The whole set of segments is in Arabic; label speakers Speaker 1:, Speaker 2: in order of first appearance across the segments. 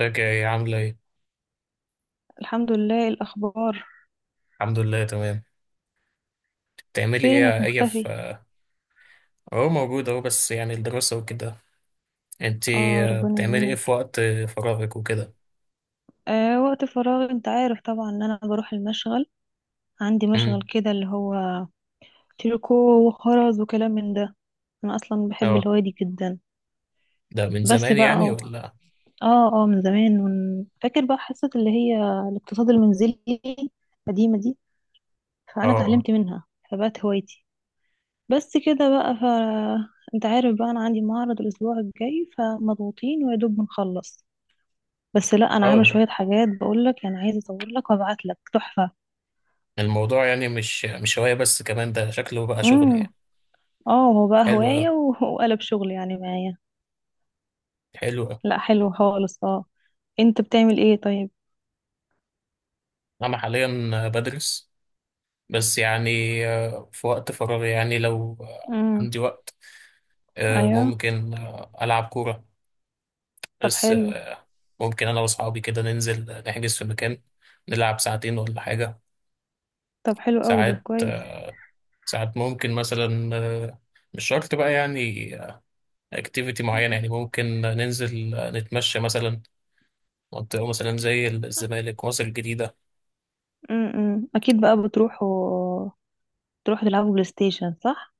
Speaker 1: ازيك يا ايه عاملة ايه؟
Speaker 2: الحمد لله، الأخبار؟
Speaker 1: الحمد لله تمام. بتعملي
Speaker 2: فينك
Speaker 1: ايه
Speaker 2: مختفي؟
Speaker 1: في. اهو موجود اهو، بس يعني الدراسة وكده. انتي؟
Speaker 2: آه، ربنا
Speaker 1: بتعملي ايه في
Speaker 2: يعينك.
Speaker 1: وقت فراغك وكده؟
Speaker 2: آه، وقت فراغ، أنت عارف طبعا إن أنا بروح المشغل. عندي مشغل
Speaker 1: امم.
Speaker 2: كده اللي هو تريكو وخرز وكلام من ده. أنا أصلا بحب
Speaker 1: اه.
Speaker 2: الهواية دي جدا.
Speaker 1: ده من
Speaker 2: بس
Speaker 1: زمان
Speaker 2: بقى
Speaker 1: يعني ولا؟
Speaker 2: من زمان. من... فاكر بقى حصة اللي هي الاقتصاد المنزلي القديمة دي،
Speaker 1: اه،
Speaker 2: فأنا
Speaker 1: اه،
Speaker 2: اتعلمت منها، فبقت هوايتي. بس كده بقى ف... انت عارف بقى انا عندي معرض الاسبوع الجاي فمضغوطين ويا دوب بنخلص. بس لا انا عامله
Speaker 1: اه.
Speaker 2: شويه حاجات بقول لك، يعني عايزه اصور لك وابعت لك تحفه.
Speaker 1: الموضوع يعني مش هواية، بس كمان ده شكله بقى شغل
Speaker 2: امم.
Speaker 1: يعني.
Speaker 2: اه، هو بقى
Speaker 1: حلو اوي،
Speaker 2: هوايه وقلب شغل يعني معايا.
Speaker 1: حلو اوي.
Speaker 2: لا حلو خالص، اه. انت بتعمل ايه طيب؟
Speaker 1: انا حاليا بدرس. بس يعني في وقت فراغي، يعني لو
Speaker 2: امم.
Speaker 1: عندي وقت
Speaker 2: ايوه.
Speaker 1: ممكن ألعب كورة.
Speaker 2: طب
Speaker 1: بس
Speaker 2: حلو.
Speaker 1: ممكن انا واصحابي كده ننزل نحجز في مكان، نلعب ساعتين ولا حاجة.
Speaker 2: طب حلو قوي، ده
Speaker 1: ساعات
Speaker 2: كويس.
Speaker 1: ساعات ممكن مثلا مش شرط بقى يعني اكتيفيتي معينة. يعني ممكن ننزل نتمشى مثلا منطقة مثلا زي الزمالك، مصر الجديدة.
Speaker 2: امم، اكيد بقى تروحوا تلعبوا بلاي ستيشن، صح؟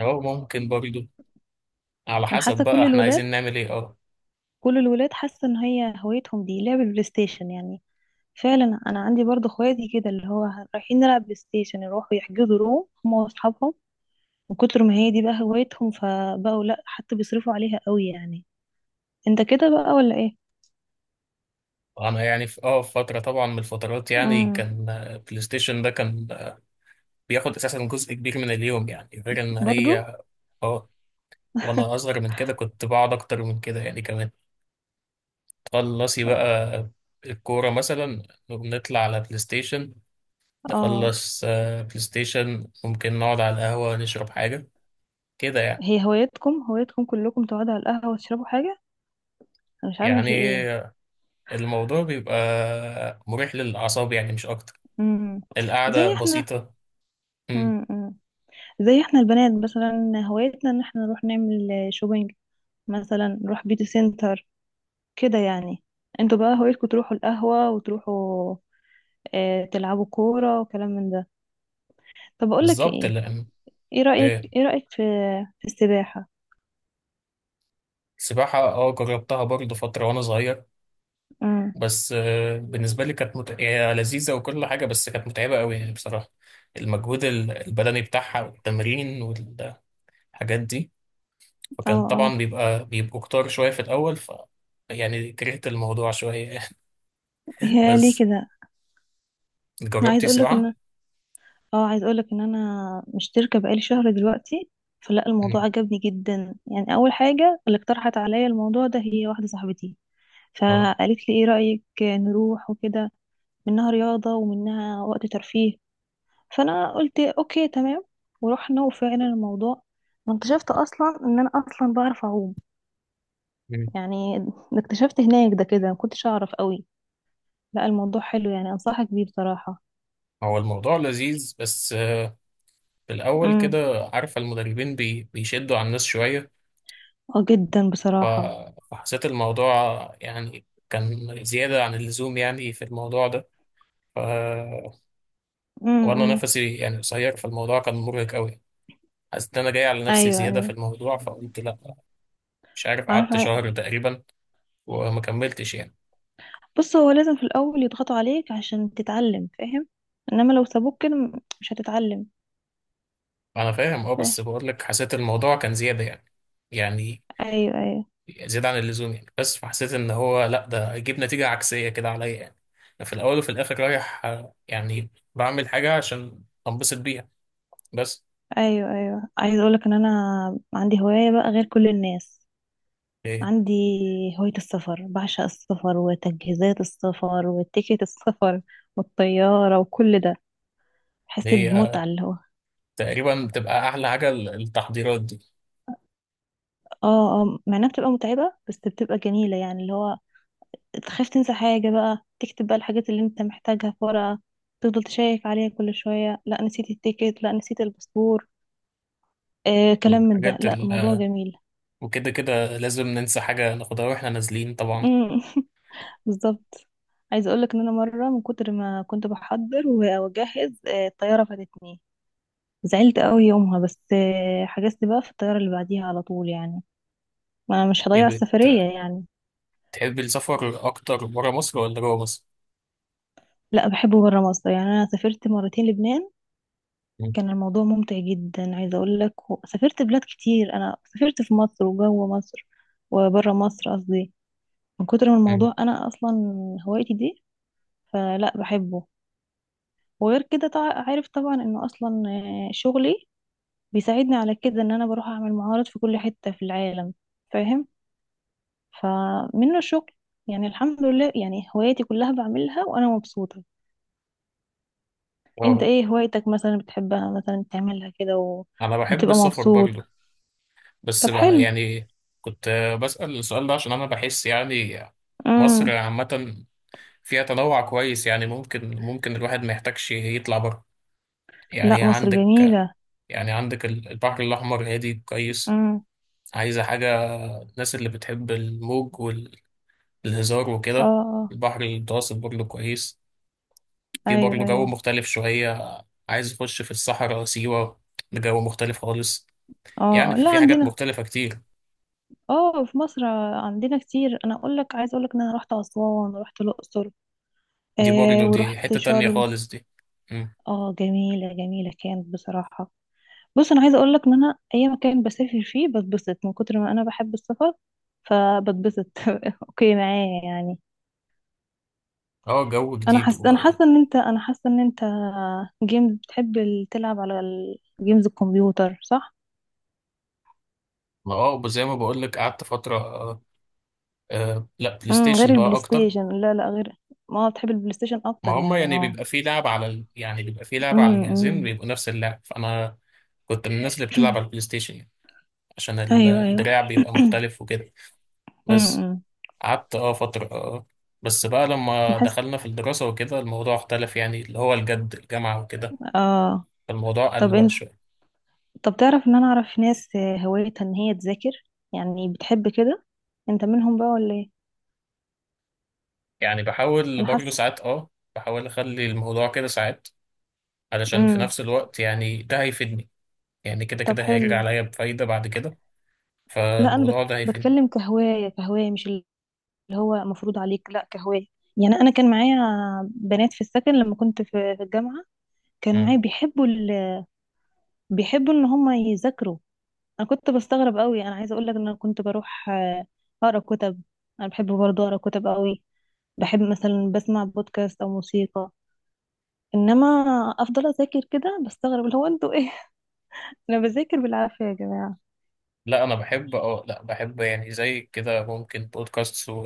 Speaker 1: أو ممكن برضو، على
Speaker 2: انا
Speaker 1: حسب
Speaker 2: حاسه
Speaker 1: بقى
Speaker 2: كل
Speaker 1: احنا
Speaker 2: الولاد
Speaker 1: عايزين نعمل ايه. اه.
Speaker 2: كل الولاد حاسه ان هي هوايتهم دي لعب البلاي ستيشن يعني. فعلا انا عندي برضه اخواتي كده اللي هو رايحين نلعب بلاي ستيشن، يروحوا يحجزوا روم هم واصحابهم. من كتر ما هي دي بقى هوايتهم، فبقوا لا حتى بيصرفوا عليها قوي يعني. انت كده بقى ولا ايه؟
Speaker 1: أنا يعني في فترة طبعا من الفترات، يعني
Speaker 2: امم.
Speaker 1: كان بلاي ستيشن ده كان بياخد أساسا جزء كبير من اليوم، يعني غير إن
Speaker 2: برضو.
Speaker 1: هي. اه. وانا اصغر من كده كنت بقعد اكتر من كده يعني كمان. تخلصي بقى الكوره مثلا نطلع على بلاي ستيشن،
Speaker 2: اه.
Speaker 1: نخلص بلاي ستيشن، ممكن نقعد على القهوه نشرب حاجه كده يعني.
Speaker 2: هي هوايتكم كلكم تقعدوا على القهوة وتشربوا حاجة؟ انا مش عارفة
Speaker 1: يعني
Speaker 2: في ايه.
Speaker 1: الموضوع بيبقى مريح للاعصاب، يعني مش اكتر.
Speaker 2: امم. زي
Speaker 1: القعده
Speaker 2: احنا.
Speaker 1: بسيطه. امم.
Speaker 2: امم. زي احنا البنات مثلا هوايتنا ان احنا نروح نعمل شوبينج، مثلا نروح بيوتي سنتر كده يعني. انتوا بقى هوايتكم تروحوا القهوة وتروحوا اه تلعبوا كورة وكلام من ده. طب اقول لك
Speaker 1: بالظبط
Speaker 2: ايه؟
Speaker 1: اللي. ايه؟
Speaker 2: ايه رأيك في السباحة؟
Speaker 1: السباحه اه، جربتها برضه فتره وانا صغير.
Speaker 2: امم.
Speaker 1: بس بالنسبة لي كانت هي لذيذة وكل حاجة، بس كانت متعبة قوي يعني بصراحة. المجهود البدني بتاعها والتمرين والحاجات دي.
Speaker 2: اه،
Speaker 1: فكان طبعا
Speaker 2: اه.
Speaker 1: بيبقوا كتار شوية في الأول ف. يعني كرهت الموضوع شوية.
Speaker 2: هي ليه
Speaker 1: بس
Speaker 2: كده؟ انا عايز
Speaker 1: جربتي
Speaker 2: اقول لك
Speaker 1: سباحة؟
Speaker 2: ان اه عايز اقول لك ان انا مشتركه بقالي شهر دلوقتي. فلا الموضوع
Speaker 1: مم.
Speaker 2: عجبني جدا يعني. اول حاجه اللي اقترحت عليا الموضوع ده هي واحده صاحبتي،
Speaker 1: آه.
Speaker 2: فقالت لي ايه رايك نروح وكده. منها رياضه ومنها وقت ترفيه. فانا قلت اوكي، تمام. ورحنا وفعلا الموضوع، واكتشفت اصلا ان انا اصلا بعرف اعوم
Speaker 1: مم.
Speaker 2: يعني. اكتشفت هناك ده كده، ما كنتش اعرف قوي. لا الموضوع حلو يعني، انصحك بيه بصراحه.
Speaker 1: هو الموضوع لذيذ، بس في الأول كده عارفة المدربين بيشدوا على الناس شوية.
Speaker 2: اه، جدا
Speaker 1: ف...
Speaker 2: بصراحة.
Speaker 1: فحسيت الموضوع يعني كان زيادة عن اللزوم يعني في الموضوع ده. وانا
Speaker 2: امم.
Speaker 1: نفسي يعني قصير، فالموضوع كان مرهق قوي. حسيت ان انا جاي على نفسي
Speaker 2: ايوه،
Speaker 1: زياده في
Speaker 2: ايوه.
Speaker 1: الموضوع، فقلت لا. مش عارف قعدت
Speaker 2: عارفة ع-
Speaker 1: شهر تقريبا وما كملتش يعني.
Speaker 2: بص، هو لازم في الاول يضغطوا عليك عشان تتعلم، فاهم؟ انما لو سابوك كده مش هتتعلم.
Speaker 1: انا فاهم، اه،
Speaker 2: فاهم.
Speaker 1: بس بقول لك حسيت الموضوع كان زياده يعني، يعني
Speaker 2: ايوه، ايوه.
Speaker 1: زياده عن اللزوم يعني. بس فحسيت ان هو لا، ده هيجيب نتيجه عكسيه كده عليا يعني. أنا في الاول وفي الاخر رايح يعني بعمل حاجه عشان انبسط بيها بس.
Speaker 2: ايوه، ايوه، عايزة اقولك ان انا عندي هواية بقى غير كل الناس.
Speaker 1: هي
Speaker 2: عندي هواية السفر، بعشق السفر وتجهيزات السفر وتيكت السفر والطيارة وكل ده. بحس
Speaker 1: هي،
Speaker 2: بمتعة
Speaker 1: آه،
Speaker 2: اللي هو.
Speaker 1: تقريبا بتبقى احلى حاجه التحضيرات دي
Speaker 2: اه، اه، مع انها بتبقى متعبة بس بتبقى جميلة يعني اللي هو تخاف تنسى حاجة، بقى تكتب بقى الحاجات اللي انت محتاجها في ورقة، تفضل تشيك عليها كل شوية. لا نسيت التيكت، لا نسيت الباسبور، كلام من ده.
Speaker 1: والحاجات.
Speaker 2: لا الموضوع جميل.
Speaker 1: وكده كده لازم ننسى حاجة ناخدها واحنا نازلين طبعا.
Speaker 2: مم. بالظبط. عايزة اقولك ان انا مرة من كتر ما كنت بحضر واجهز الطيارة فاتتني. زعلت قوي يومها، بس حجزت بقى في الطيارة اللي بعديها على طول يعني. ما انا مش
Speaker 1: ايه
Speaker 2: هضيع السفرية يعني.
Speaker 1: تحب السفر أكتر برا مصر ولا جوا مصر؟
Speaker 2: لا بحبه برا مصر يعني. انا سافرت مرتين لبنان،
Speaker 1: مم.
Speaker 2: كان الموضوع ممتع جدا، عايزة اقول لك. سافرت بلاد كتير، انا سافرت في مصر وجوه مصر وبره مصر قصدي. من كتر ما
Speaker 1: مم.
Speaker 2: الموضوع، انا اصلا هوايتي دي، فلا بحبه. وغير كده، عارف طبعا انه اصلا شغلي بيساعدني على كده ان انا بروح اعمل معارض في كل حتة في العالم، فاهم؟ فمنه الشغل يعني. الحمد لله، يعني هواياتي كلها بعملها وانا مبسوطة. انت
Speaker 1: اه،
Speaker 2: ايه هوايتك مثلا بتحبها مثلا تعملها كده
Speaker 1: أنا بحب
Speaker 2: وبتبقى
Speaker 1: السفر
Speaker 2: مبسوط؟
Speaker 1: برضه. بس
Speaker 2: طب
Speaker 1: بقى يعني كنت بسأل السؤال ده عشان أنا بحس يعني مصر
Speaker 2: حلو.
Speaker 1: عامة فيها تنوع كويس. يعني ممكن الواحد ما يحتاجش يطلع بره. يعني
Speaker 2: لا مصر
Speaker 1: عندك
Speaker 2: جميلة.
Speaker 1: يعني عندك البحر الأحمر هادي كويس،
Speaker 2: امم.
Speaker 1: عايزة حاجة. الناس اللي بتحب الموج والهزار
Speaker 2: اه،
Speaker 1: وكده.
Speaker 2: اه.
Speaker 1: البحر المتوسط برضه كويس، في برضه
Speaker 2: ايوه،
Speaker 1: جو
Speaker 2: ايوه.
Speaker 1: مختلف شوية. عايز أخش في الصحراء سيوة، بجو مختلف خالص.
Speaker 2: اه.
Speaker 1: يعني
Speaker 2: آه.
Speaker 1: في
Speaker 2: لا
Speaker 1: في حاجات
Speaker 2: عندنا،
Speaker 1: مختلفة كتير.
Speaker 2: اه، في مصر عندنا كتير. انا اقول لك، عايز اقول لك ان انا رحت اسوان ورحت الاقصر
Speaker 1: دي برضه دي
Speaker 2: ورحت
Speaker 1: حتة تانية
Speaker 2: شرم.
Speaker 1: خالص دي. مم.
Speaker 2: اه، جميلة جميلة كانت بصراحة. بص، انا عايزة اقول لك ان انا اي مكان بسافر فيه بتبسط من كتر ما انا بحب السفر، فبتبسط. اوكي معايا يعني.
Speaker 1: اه، جو
Speaker 2: انا
Speaker 1: جديد
Speaker 2: حاسه
Speaker 1: و.
Speaker 2: ان انت جيمز بتحب تلعب على الجيمز الكمبيوتر، صح؟
Speaker 1: ما زي ما بقولك قعدت فترة لا بلاي
Speaker 2: امم، غير
Speaker 1: ستيشن بقى
Speaker 2: البلاي
Speaker 1: أكتر.
Speaker 2: ستيشن؟ لا لا، غير. ما بتحب البلاي ستيشن
Speaker 1: ما
Speaker 2: اكتر
Speaker 1: هما
Speaker 2: يعني،
Speaker 1: يعني
Speaker 2: اه.
Speaker 1: بيبقى في لعب على
Speaker 2: امم.
Speaker 1: الجهازين
Speaker 2: أمم.
Speaker 1: بيبقوا نفس اللعب. فأنا كنت من الناس اللي بتلعب على البلاي ستيشن يعني عشان
Speaker 2: ايوه، ايوه.
Speaker 1: الدراع بيبقى مختلف وكده. بس
Speaker 2: امم.
Speaker 1: قعدت فترة بس بقى لما
Speaker 2: بحس.
Speaker 1: دخلنا في الدراسة وكده الموضوع اختلف، يعني اللي هو الجد الجامعة وكده.
Speaker 2: اه.
Speaker 1: فالموضوع قل
Speaker 2: طب
Speaker 1: بقى
Speaker 2: انت.
Speaker 1: شوية.
Speaker 2: طب تعرف ان انا اعرف ناس هوايتها ان هي تذاكر، يعني بتحب كده. انت منهم بقى ولا ايه؟
Speaker 1: يعني بحاول
Speaker 2: انا
Speaker 1: برضه
Speaker 2: حاسه.
Speaker 1: ساعات بحاول أخلي الموضوع كده ساعات علشان في
Speaker 2: امم.
Speaker 1: نفس الوقت يعني ده هيفيدني. يعني كده
Speaker 2: طب
Speaker 1: كده هيرجع
Speaker 2: حلو.
Speaker 1: عليا بفايدة بعد كده.
Speaker 2: لا انا
Speaker 1: فالموضوع ده هيفيدني.
Speaker 2: بتكلم كهوايه، كهوايه، مش اللي هو مفروض عليك، لا كهوايه. يعني انا كان معايا بنات في السكن لما كنت في الجامعه. كانوا معايا
Speaker 1: مم.
Speaker 2: بيحبوا بيحبوا ان هم يذاكروا. انا كنت بستغرب قوي. انا عايزه اقول لك ان انا كنت بروح اقرا كتب. انا بحب برضه اقرا كتب قوي. بحب مثلا بسمع بودكاست او موسيقى. انما افضل اذاكر كده، بستغرب اللي هو انتوا ايه. انا بذاكر بالعافيه يا جماعه.
Speaker 1: لا، أنا بحب اه لا بحب يعني زي كده، ممكن بودكاست و...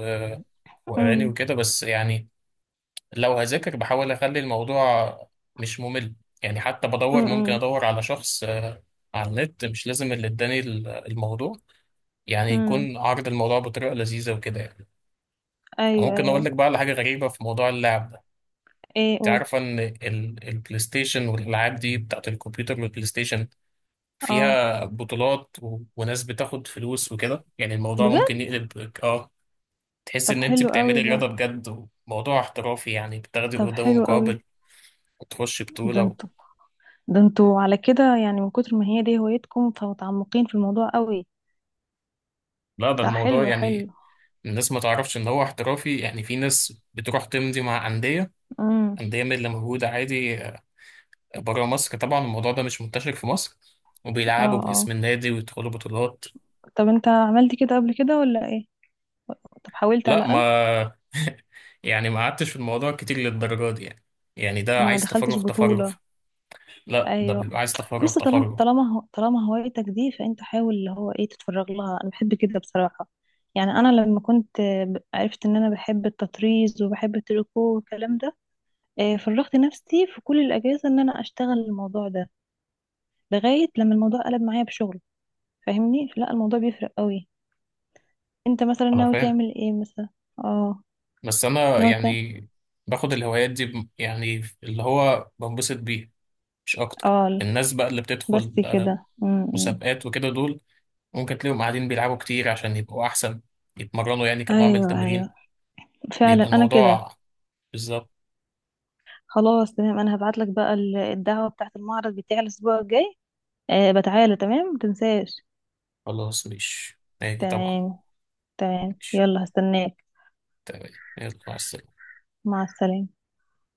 Speaker 1: وأغاني
Speaker 2: امم.
Speaker 1: وكده بس يعني. لو هذاكر بحاول اخلي الموضوع مش ممل. يعني حتى بدور ممكن
Speaker 2: امم.
Speaker 1: ادور على شخص على النت، مش لازم اللي اداني الموضوع يعني
Speaker 2: امم.
Speaker 1: يكون عرض الموضوع بطريقه لذيذه وكده يعني.
Speaker 2: ايوه،
Speaker 1: ممكن اقول
Speaker 2: ايوه.
Speaker 1: لك بقى على حاجه غريبه في موضوع اللعب ده.
Speaker 2: ايه،
Speaker 1: انت
Speaker 2: قول.
Speaker 1: عارفه ان البلاي ستيشن والالعاب دي بتاعت الكمبيوتر والبلاي ستيشن
Speaker 2: اه،
Speaker 1: فيها بطولات و... وناس بتاخد فلوس وكده. يعني الموضوع ممكن
Speaker 2: بجد.
Speaker 1: يقلب تحس
Speaker 2: طب
Speaker 1: ان انت
Speaker 2: حلو قوي
Speaker 1: بتعملي
Speaker 2: ده.
Speaker 1: رياضه بجد، وموضوع احترافي يعني بتاخدي
Speaker 2: طب
Speaker 1: قدامه
Speaker 2: حلو
Speaker 1: مقابل
Speaker 2: قوي.
Speaker 1: وتخش
Speaker 2: ده
Speaker 1: بطولة.
Speaker 2: انتوا ده انتوا على كده يعني، من كتر ما هي دي هوايتكم فمتعمقين في الموضوع قوي.
Speaker 1: لا، ده
Speaker 2: ده
Speaker 1: الموضوع
Speaker 2: حلو، حلو.
Speaker 1: يعني الناس ما تعرفش ان هو احترافي. يعني في ناس بتروح تمضي مع انديه،
Speaker 2: امم.
Speaker 1: انديه من اللي موجوده عادي بره مصر. طبعا الموضوع ده مش منتشر في مصر،
Speaker 2: اه،
Speaker 1: وبيلعبوا باسم
Speaker 2: اه.
Speaker 1: النادي ويدخلوا بطولات.
Speaker 2: طب انت عملت كده قبل كده ولا ايه؟ طب حاولت على
Speaker 1: لا
Speaker 2: الاقل.
Speaker 1: ما. يعني ما قعدتش في الموضوع كتير للدرجه دي يعني. يعني ده
Speaker 2: ما
Speaker 1: عايز
Speaker 2: دخلتش
Speaker 1: تفرغ تفرغ.
Speaker 2: بطولة.
Speaker 1: لا، ده
Speaker 2: ايوه.
Speaker 1: بيبقى عايز تفرغ
Speaker 2: بص،
Speaker 1: تفرغ.
Speaker 2: طالما هوايتك دي، فانت حاول اللي هو ايه، تتفرغ لها. انا بحب كده بصراحة. يعني انا لما كنت عرفت ان انا بحب التطريز وبحب التريكو والكلام ده، فرغت نفسي في كل الاجازة ان انا اشتغل الموضوع ده لغاية لما الموضوع قلب معايا بشغل، فاهمني؟ لا الموضوع بيفرق قوي. انت مثلا
Speaker 1: انا
Speaker 2: ناوي
Speaker 1: فاهم،
Speaker 2: تعمل ايه مثلا؟ اه.
Speaker 1: بس انا
Speaker 2: ناوي تعمل.
Speaker 1: يعني باخد الهوايات دي يعني اللي هو بنبسط بيه مش اكتر.
Speaker 2: اه.
Speaker 1: الناس بقى اللي
Speaker 2: بس
Speaker 1: بتدخل
Speaker 2: كده. م -م.
Speaker 1: مسابقات وكده دول ممكن تلاقيهم قاعدين بيلعبوا كتير عشان يبقوا أحسن، يتمرنوا يعني كنوع من
Speaker 2: ايوه،
Speaker 1: التمرين.
Speaker 2: ايوه. فعلا،
Speaker 1: بيبقى
Speaker 2: انا كده.
Speaker 1: الموضوع بالظبط.
Speaker 2: خلاص تمام، انا هبعت لك بقى الدعوة بتاعت المعرض بتاعي الاسبوع الجاي، أه. بتعالى، تمام، متنساش.
Speaker 1: خلاص مش ماشي طبعا.
Speaker 2: تمام. تمام،
Speaker 1: ماشي.
Speaker 2: يلا، هستناك.
Speaker 1: تمام يلا مع السلامة.
Speaker 2: مع السلامة.